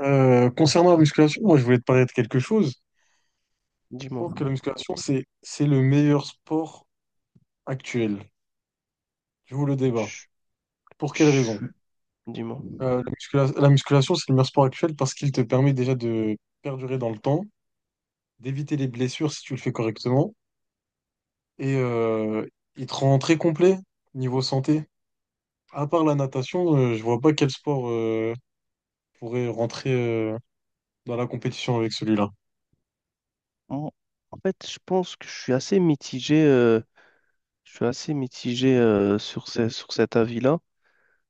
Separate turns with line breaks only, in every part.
Concernant la musculation, moi je voulais te parler de quelque chose. Je
Dis-moi.
pense que la musculation, c'est le meilleur sport actuel. Je vous le débat.
Je-
Pour quelle raison?
je- Dis-moi.
La musculation, c'est le meilleur sport actuel parce qu'il te permet déjà de perdurer dans le temps, d'éviter les blessures si tu le fais correctement, et il te rend très complet niveau santé. À part la natation, je vois pas quel sport pourrait rentrer dans la compétition avec celui-là.
En en fait, je pense que je suis assez mitigé, je suis assez mitigé, sur sur cet avis-là,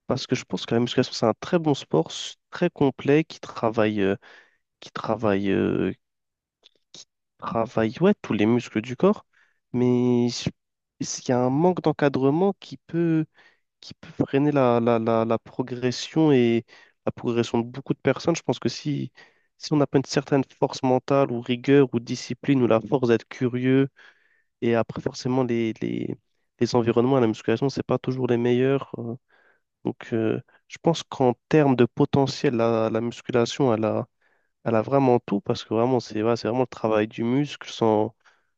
parce que je pense que la musculation, c'est un très bon sport, très complet, qui travaille, qui travaille, euh, qui travaille, ouais, tous les muscles du corps, mais il y a un manque d'encadrement qui peut freiner la progression et la progression de beaucoup de personnes. Je pense que si on n'a pas une certaine force mentale ou rigueur ou discipline ou la force d'être curieux, et après forcément les environnements à la musculation, c'est pas toujours les meilleurs. Donc je pense qu'en termes de potentiel, la musculation, elle a vraiment tout parce que vraiment, c'est ouais, c'est vraiment le travail du muscle sans,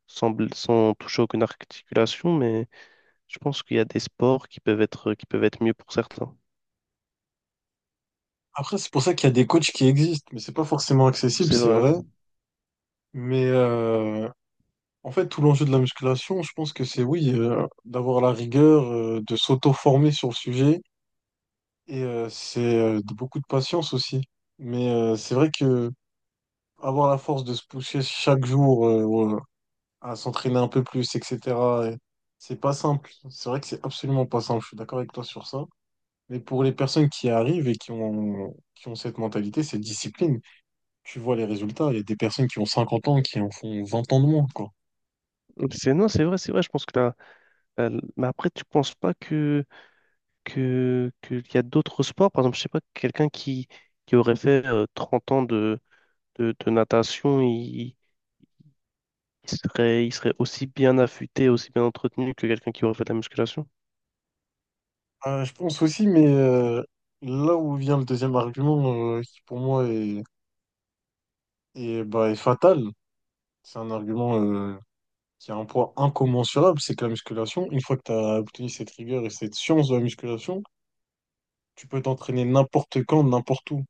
sans, bl- sans toucher aucune articulation, mais je pense qu'il y a des sports qui peuvent être mieux pour certains.
Après, c'est pour ça qu'il y a des coachs qui existent, mais c'est pas forcément accessible,
C'est
c'est
vrai.
vrai. Mais en fait, tout l'enjeu de la musculation, je pense que c'est oui, d'avoir la rigueur, de s'auto-former sur le sujet, et c'est de beaucoup de patience aussi. Mais c'est vrai que avoir la force de se pousser chaque jour à s'entraîner un peu plus, etc., et c'est pas simple. C'est vrai que c'est absolument pas simple. Je suis d'accord avec toi sur ça. Mais pour les personnes qui arrivent et qui ont cette mentalité, c'est discipline. Tu vois les résultats. Il y a des personnes qui ont 50 ans qui en font 20 ans de moins, quoi.
C'est, non, c'est vrai, c'est vrai. Je pense que là, mais après, tu penses pas qu'il y a d'autres sports. Par exemple, je sais pas, quelqu'un qui aurait fait 30 ans de natation, il serait aussi bien affûté, aussi bien entretenu que quelqu'un qui aurait fait de la musculation.
Je pense aussi, mais là où vient le deuxième argument, qui pour moi bah, est fatal, c'est un argument qui a un poids incommensurable, c'est que la musculation, une fois que tu as obtenu cette rigueur et cette science de la musculation, tu peux t'entraîner n'importe quand, n'importe où.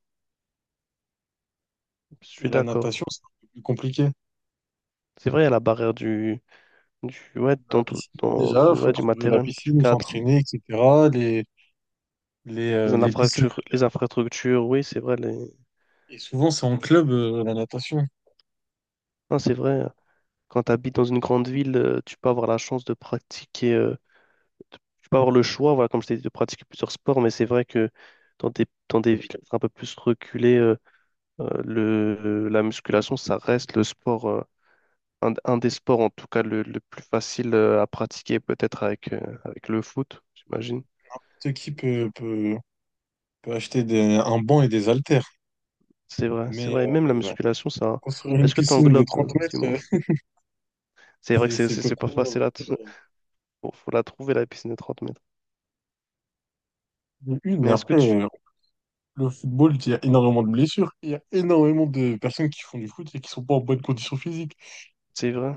Je
Et
suis
la
d'accord.
natation, c'est un peu plus compliqué.
C'est vrai, il y a la barrière du, ouais,
La
dans tout,
piscine,
dans,
déjà,
du,
faut
ouais, du
trouver la
matériel, du
piscine où
cadre,
s'entraîner, etc. Les, les, euh, les piscines.
les infrastructures, oui, c'est vrai. Les...
Et souvent, c'est en club, la natation.
Non, c'est vrai. Quand tu habites dans une grande ville, tu peux avoir la chance de pratiquer, tu peux avoir le choix, voilà, comme je t'ai dit, de pratiquer plusieurs sports, mais c'est vrai que dans des villes un peu plus reculées, la musculation, ça reste le sport, un des sports en tout cas le plus facile à pratiquer, peut-être avec, avec le foot, j'imagine.
N'importe qui peut acheter un banc et des haltères,
C'est vrai, c'est
mais
vrai. Et même la
euh,
musculation, ça.
construire une
Est-ce que tu
piscine de
englobes,
30
du
mètres,
moins? C'est vrai que
c'est c'est peu
c'est pas
probable.
facile à. Faut la trouver, la piscine de 30 mètres.
De une, et
Mais est-ce que
après,
tu.
le football, il y a énormément de blessures. Il y a énormément de personnes qui font du foot et qui sont pas en bonne condition physique.
C'est vrai.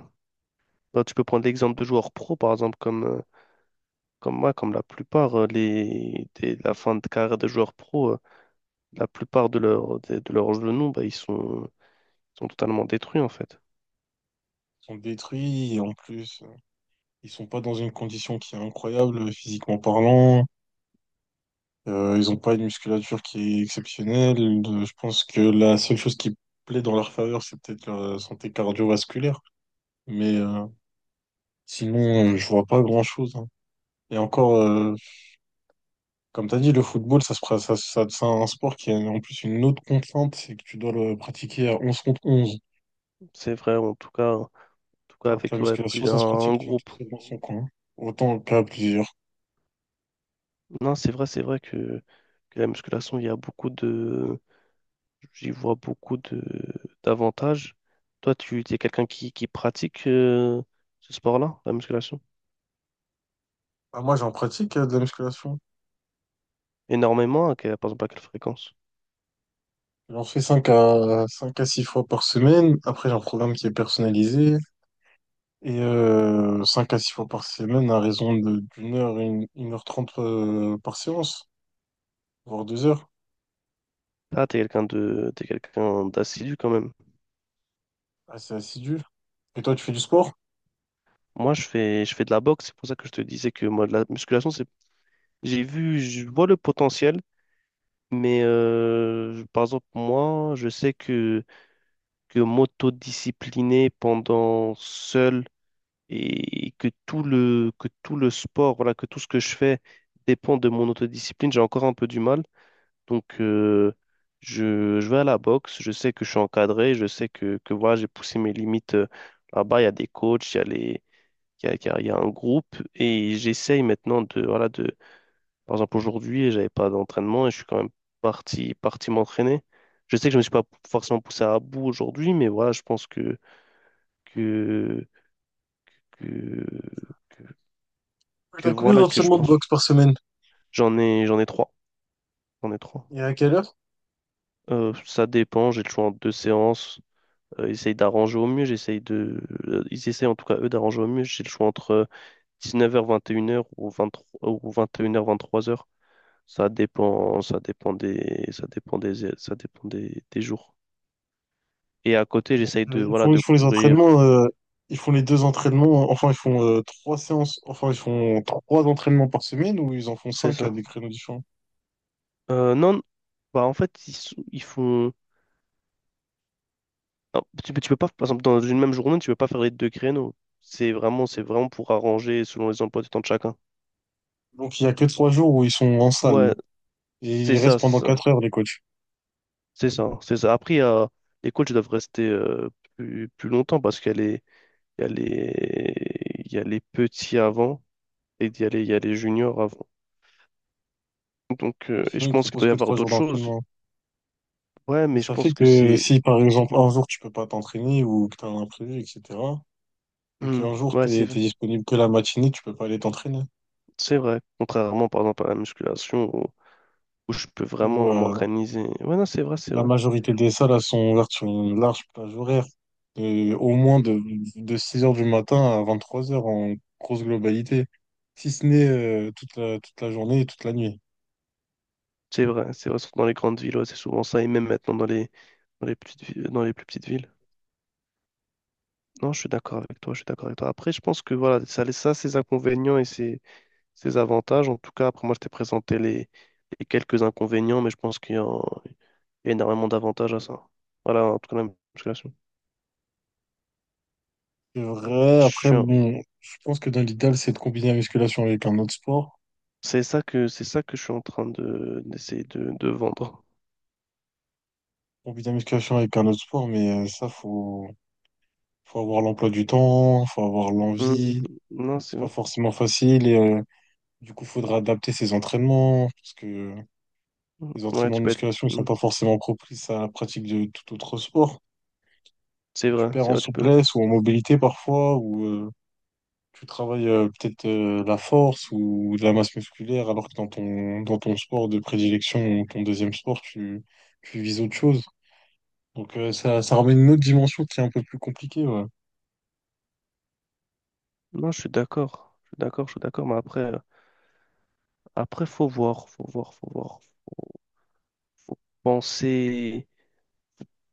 Bah, tu peux prendre l'exemple de joueurs pro, par exemple, comme, comme moi, comme la plupart, la fin de carrière des joueurs pro, la plupart de leurs genoux, bah, sont totalement détruits, en fait.
Ils sont détruits, et en plus, ils sont pas dans une condition qui est incroyable physiquement parlant. Ils ont pas une musculature qui est exceptionnelle. Je pense que la seule chose qui plaît dans leur faveur, c'est peut-être leur santé cardiovasculaire. Mais euh, Sinon, je vois pas grand-chose, hein. Et encore, comme tu as dit, le football, ça se, pra- ça- c'est un sport qui a en plus une autre contrainte, c'est que tu dois le pratiquer à 11 contre 11.
C'est vrai, en tout cas
Alors que la
avec ouais,
musculation,
plus
ça se
un
pratique bien tout
groupe.
seul dans son coin, autant qu'à plusieurs.
Non, c'est vrai que la musculation, il y a beaucoup de. J'y vois beaucoup de d'avantages. Toi, tu es quelqu'un qui pratique ce sport-là, la musculation,
Ah, moi, j'en pratique de la musculation.
énormément, par exemple à quelle fréquence?
J'en fais cinq à 6 fois par semaine. Après, j'ai un programme qui est personnalisé. Et 5 à 6 fois par semaine, à raison d'1 heure, une heure trente par séance, voire 2 heures.
Ah, t'es quelqu'un d'assidu quand même.
Assez assidu. Et toi, tu fais du sport?
Moi, je fais de la boxe, c'est pour ça que je te disais que moi, de la musculation, c'est j'ai vu, je vois le potentiel, mais par exemple moi, je sais que m'autodiscipliner pendant seul et que que tout le sport, voilà, que tout ce que je fais dépend de mon autodiscipline, j'ai encore un peu du mal. Donc, je vais à la boxe, je sais que je suis encadré, je sais que voilà, j'ai poussé mes limites là-bas, il y a des coachs, il y a un groupe, et j'essaye maintenant de, voilà, de, par exemple, aujourd'hui, j'avais pas d'entraînement et je suis quand même parti m'entraîner. Je sais que je me suis pas forcément poussé à bout aujourd'hui, mais voilà, je pense que, que, que
T'as combien
voilà, que je
d'entraînements de
pense.
boxe par semaine?
J'en ai trois. J'en ai trois.
Et à quelle heure?
Ça dépend, j'ai le choix en deux séances. Ils essayent d'arranger au mieux, j'essaye de. Ils essayent en tout cas, eux, d'arranger au mieux. J'ai le choix entre 19h, 21h ou 23, ou 21h, 23h. Ça dépend des jours. Et à côté,
Bon,
j'essaye de,
ils
voilà,
font, ils
de
font les
courir.
entraînements, ils font les deux entraînements, enfin ils font trois séances, enfin ils font trois entraînements par semaine ou ils en font
C'est
cinq à des
ça.
créneaux différents.
Non, bah en fait, ils font. Non, tu peux pas, par exemple, dans une même journée, tu peux pas faire les deux créneaux. C'est vraiment pour arranger selon les emplois du temps de chacun.
Donc il y a que 3 jours où ils sont en salle
Ouais,
et
c'est
ils
ça,
restent
c'est
pendant
ça,
4 heures les coachs.
c'est ça, c'est ça. Après, les coachs doivent rester plus longtemps parce qu'il y a les, il y a les, il y a les petits avant et il y a les juniors avant. Donc, et je
Sinon ils
pense qu'il
proposent
doit y
que
avoir
3 jours
d'autres choses.
d'entraînement.
Ouais,
Mais
mais je
ça fait
pense que
que
c'est,
si par exemple
Hmm.
un jour tu peux pas t'entraîner ou que t'as un imprévu, etc. Ou
Hmm,
qu'un jour
ouais,
t'es disponible que la matinée, tu peux pas aller t'entraîner.
c'est vrai. Contrairement, par exemple, à la musculation où je peux
Ou
vraiment
euh,
m'organiser. Ouais, non, c'est vrai, c'est
la
vrai.
majorité des salles, elles sont ouvertes sur une large plage horaire, au moins de 6 heures du matin à 23 heures en grosse globalité, si ce n'est toute la journée et toute la nuit.
C'est vrai, c'est vrai, surtout dans les grandes villes, ouais, c'est souvent ça, et même maintenant dans les petites, dans les plus petites villes. Non, je suis d'accord avec toi, je suis d'accord avec toi. Après, je pense que voilà, ça a ça, ses inconvénients et ses, ses avantages. En tout cas, après, moi, je t'ai présenté les quelques inconvénients, mais je pense qu'il y a, il y a énormément d'avantages à ça. Voilà, en tout cas, la musculation.
C'est vrai,
Je
après,
suis un-
bon, je pense que dans l'idéal, c'est de combiner la musculation avec un autre sport.
C'est ça que je suis en train de, d'essayer de vendre.
Combiner la musculation avec un autre sport, mais ça, faut avoir l'emploi du temps, faut avoir
Hum,
l'envie.
Non, c'est
C'est pas
vrai.
forcément facile et du coup, faudra adapter ses entraînements parce que
Mhm.
les
Ouais,
entraînements
tu
de
peux être.
musculation ne sont
hum,
pas forcément propices à la pratique de tout autre sport. Tu perds
C'est
en
vrai, tu peux.
souplesse ou en mobilité parfois, ou tu travailles peut-être la force ou de la masse musculaire, alors que dans ton sport de prédilection ou ton deuxième sport, tu vises autre chose. Donc ça, ça ramène une autre dimension qui est un peu plus compliquée, ouais.
Non, je suis d'accord. Je suis d'accord, je suis d'accord, mais après. Après, faut voir, faut voir, faut voir. Faut, faut penser,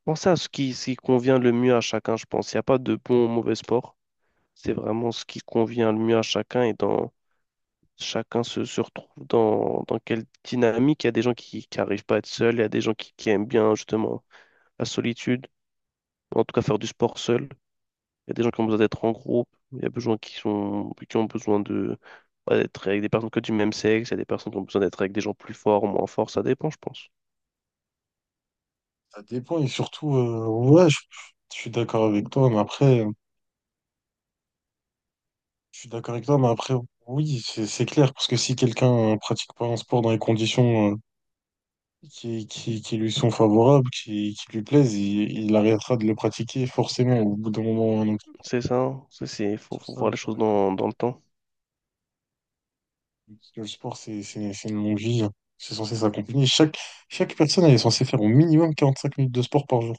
penser à ce qui convient le mieux à chacun, je pense. Il n'y a pas de bon ou mauvais sport. C'est vraiment ce qui convient le mieux à chacun et dans chacun se retrouve dans quelle dynamique. Il y a des gens qui n'arrivent pas à être seuls, il y a des gens qui aiment bien justement la solitude, en tout cas faire du sport seul. Il y a des gens qui ont besoin d'être en groupe, il y a besoin qui sont, qui ont besoin de, ouais, d'être avec des personnes que du même sexe, il y a des personnes qui ont besoin d'être avec des gens plus forts ou moins forts, ça dépend, je pense.
Ça dépend et surtout, ouais, je suis d'accord avec toi, mais après, je suis d'accord avec toi, mais après, oui, c'est clair, parce que si quelqu'un pratique pas un sport dans les conditions qui lui sont favorables, qui lui plaisent, il arrêtera de le pratiquer forcément au bout d'un moment ou un autre.
C'est ça, hein.
Sur
Faut
ça,
voir les
je suis
choses
d'accord.
dans, dans le temps.
Parce que le sport, c'est une longue vie, hein. C'est censé s'accompagner. Chaque personne, elle est censée faire au minimum 45 minutes de sport par jour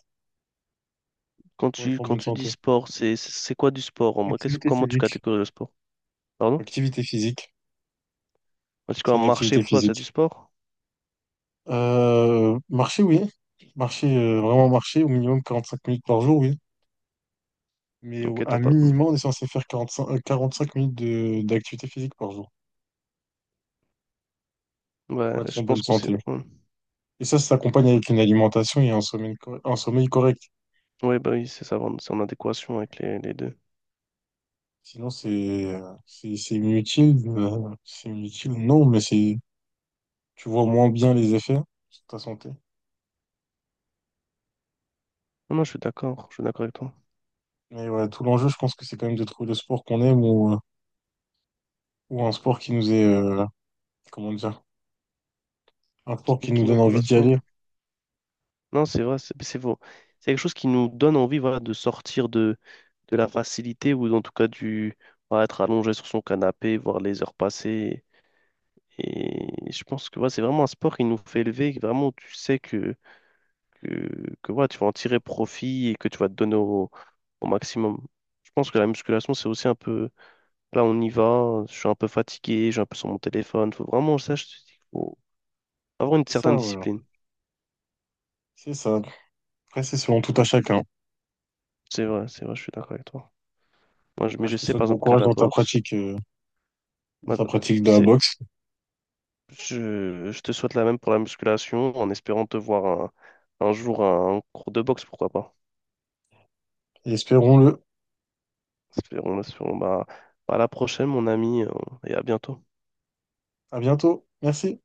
pour être en
Quand
bonne
tu dis
santé.
sport, c'est quoi du sport en mode
Activité
comment tu
physique.
catégorises le sport? Pardon?
Activité physique.
Quand tu
C'est une
dis marché,
activité
pour toi, c'est du
physique.
sport?
Marcher, oui. Marcher, vraiment marcher, au minimum 45 minutes par jour, oui. Mais
Ok,
à
t'as pas.
minimum, on est censé faire 45 minutes d'activité physique par jour.
Ouais,
Pour être en
je pense
bonne
qu'on s'est.
santé.
Ouais,
Et ça s'accompagne avec une alimentation et un sommeil, un sommeil correct.
Ouais, bah oui, c'est ça, vraiment, c'est en adéquation avec les deux.
Sinon, c'est inutile. C'est inutile, non, mais c'est tu vois moins bien les effets sur ta santé.
Non, non, je suis d'accord avec toi.
Mais ouais, tout l'enjeu, je pense que c'est quand même de trouver le sport qu'on aime ou un sport qui nous est, comment dire, un sport qui nous
Qui nous
donne envie d'y
correspond?
aller.
Non, c'est vrai, c'est faux. C'est quelque chose qui nous donne envie, voilà, de sortir de la facilité ou en tout cas du. Voilà, être allongé sur son canapé, voir les heures passer. Et je pense que ouais, c'est vraiment un sport qui nous fait élever, que vraiment tu sais que, ouais, tu vas en tirer profit et que tu vas te donner au maximum. Je pense que la musculation, c'est aussi un peu, là on y va, je suis un peu fatigué, je suis un peu sur mon téléphone. Faut vraiment, ça, je te dis, faut avoir une
C'est
certaine
ça, voilà.
discipline.
C'est ça. Après, c'est selon tout à chacun.
C'est vrai, je suis d'accord avec toi. Moi, mais
Voilà,
je
je te
sais,
souhaite
par
bon
exemple, qu'à
courage
la
dans ta
boxe,
pratique,
ma-
de la
c'est,
boxe.
je te souhaite la même pour la musculation en espérant te voir un jour à un cours de boxe, pourquoi pas.
Et espérons-le.
Espérons, espérons. Bah, à la prochaine, mon ami, et à bientôt.
À bientôt. Merci.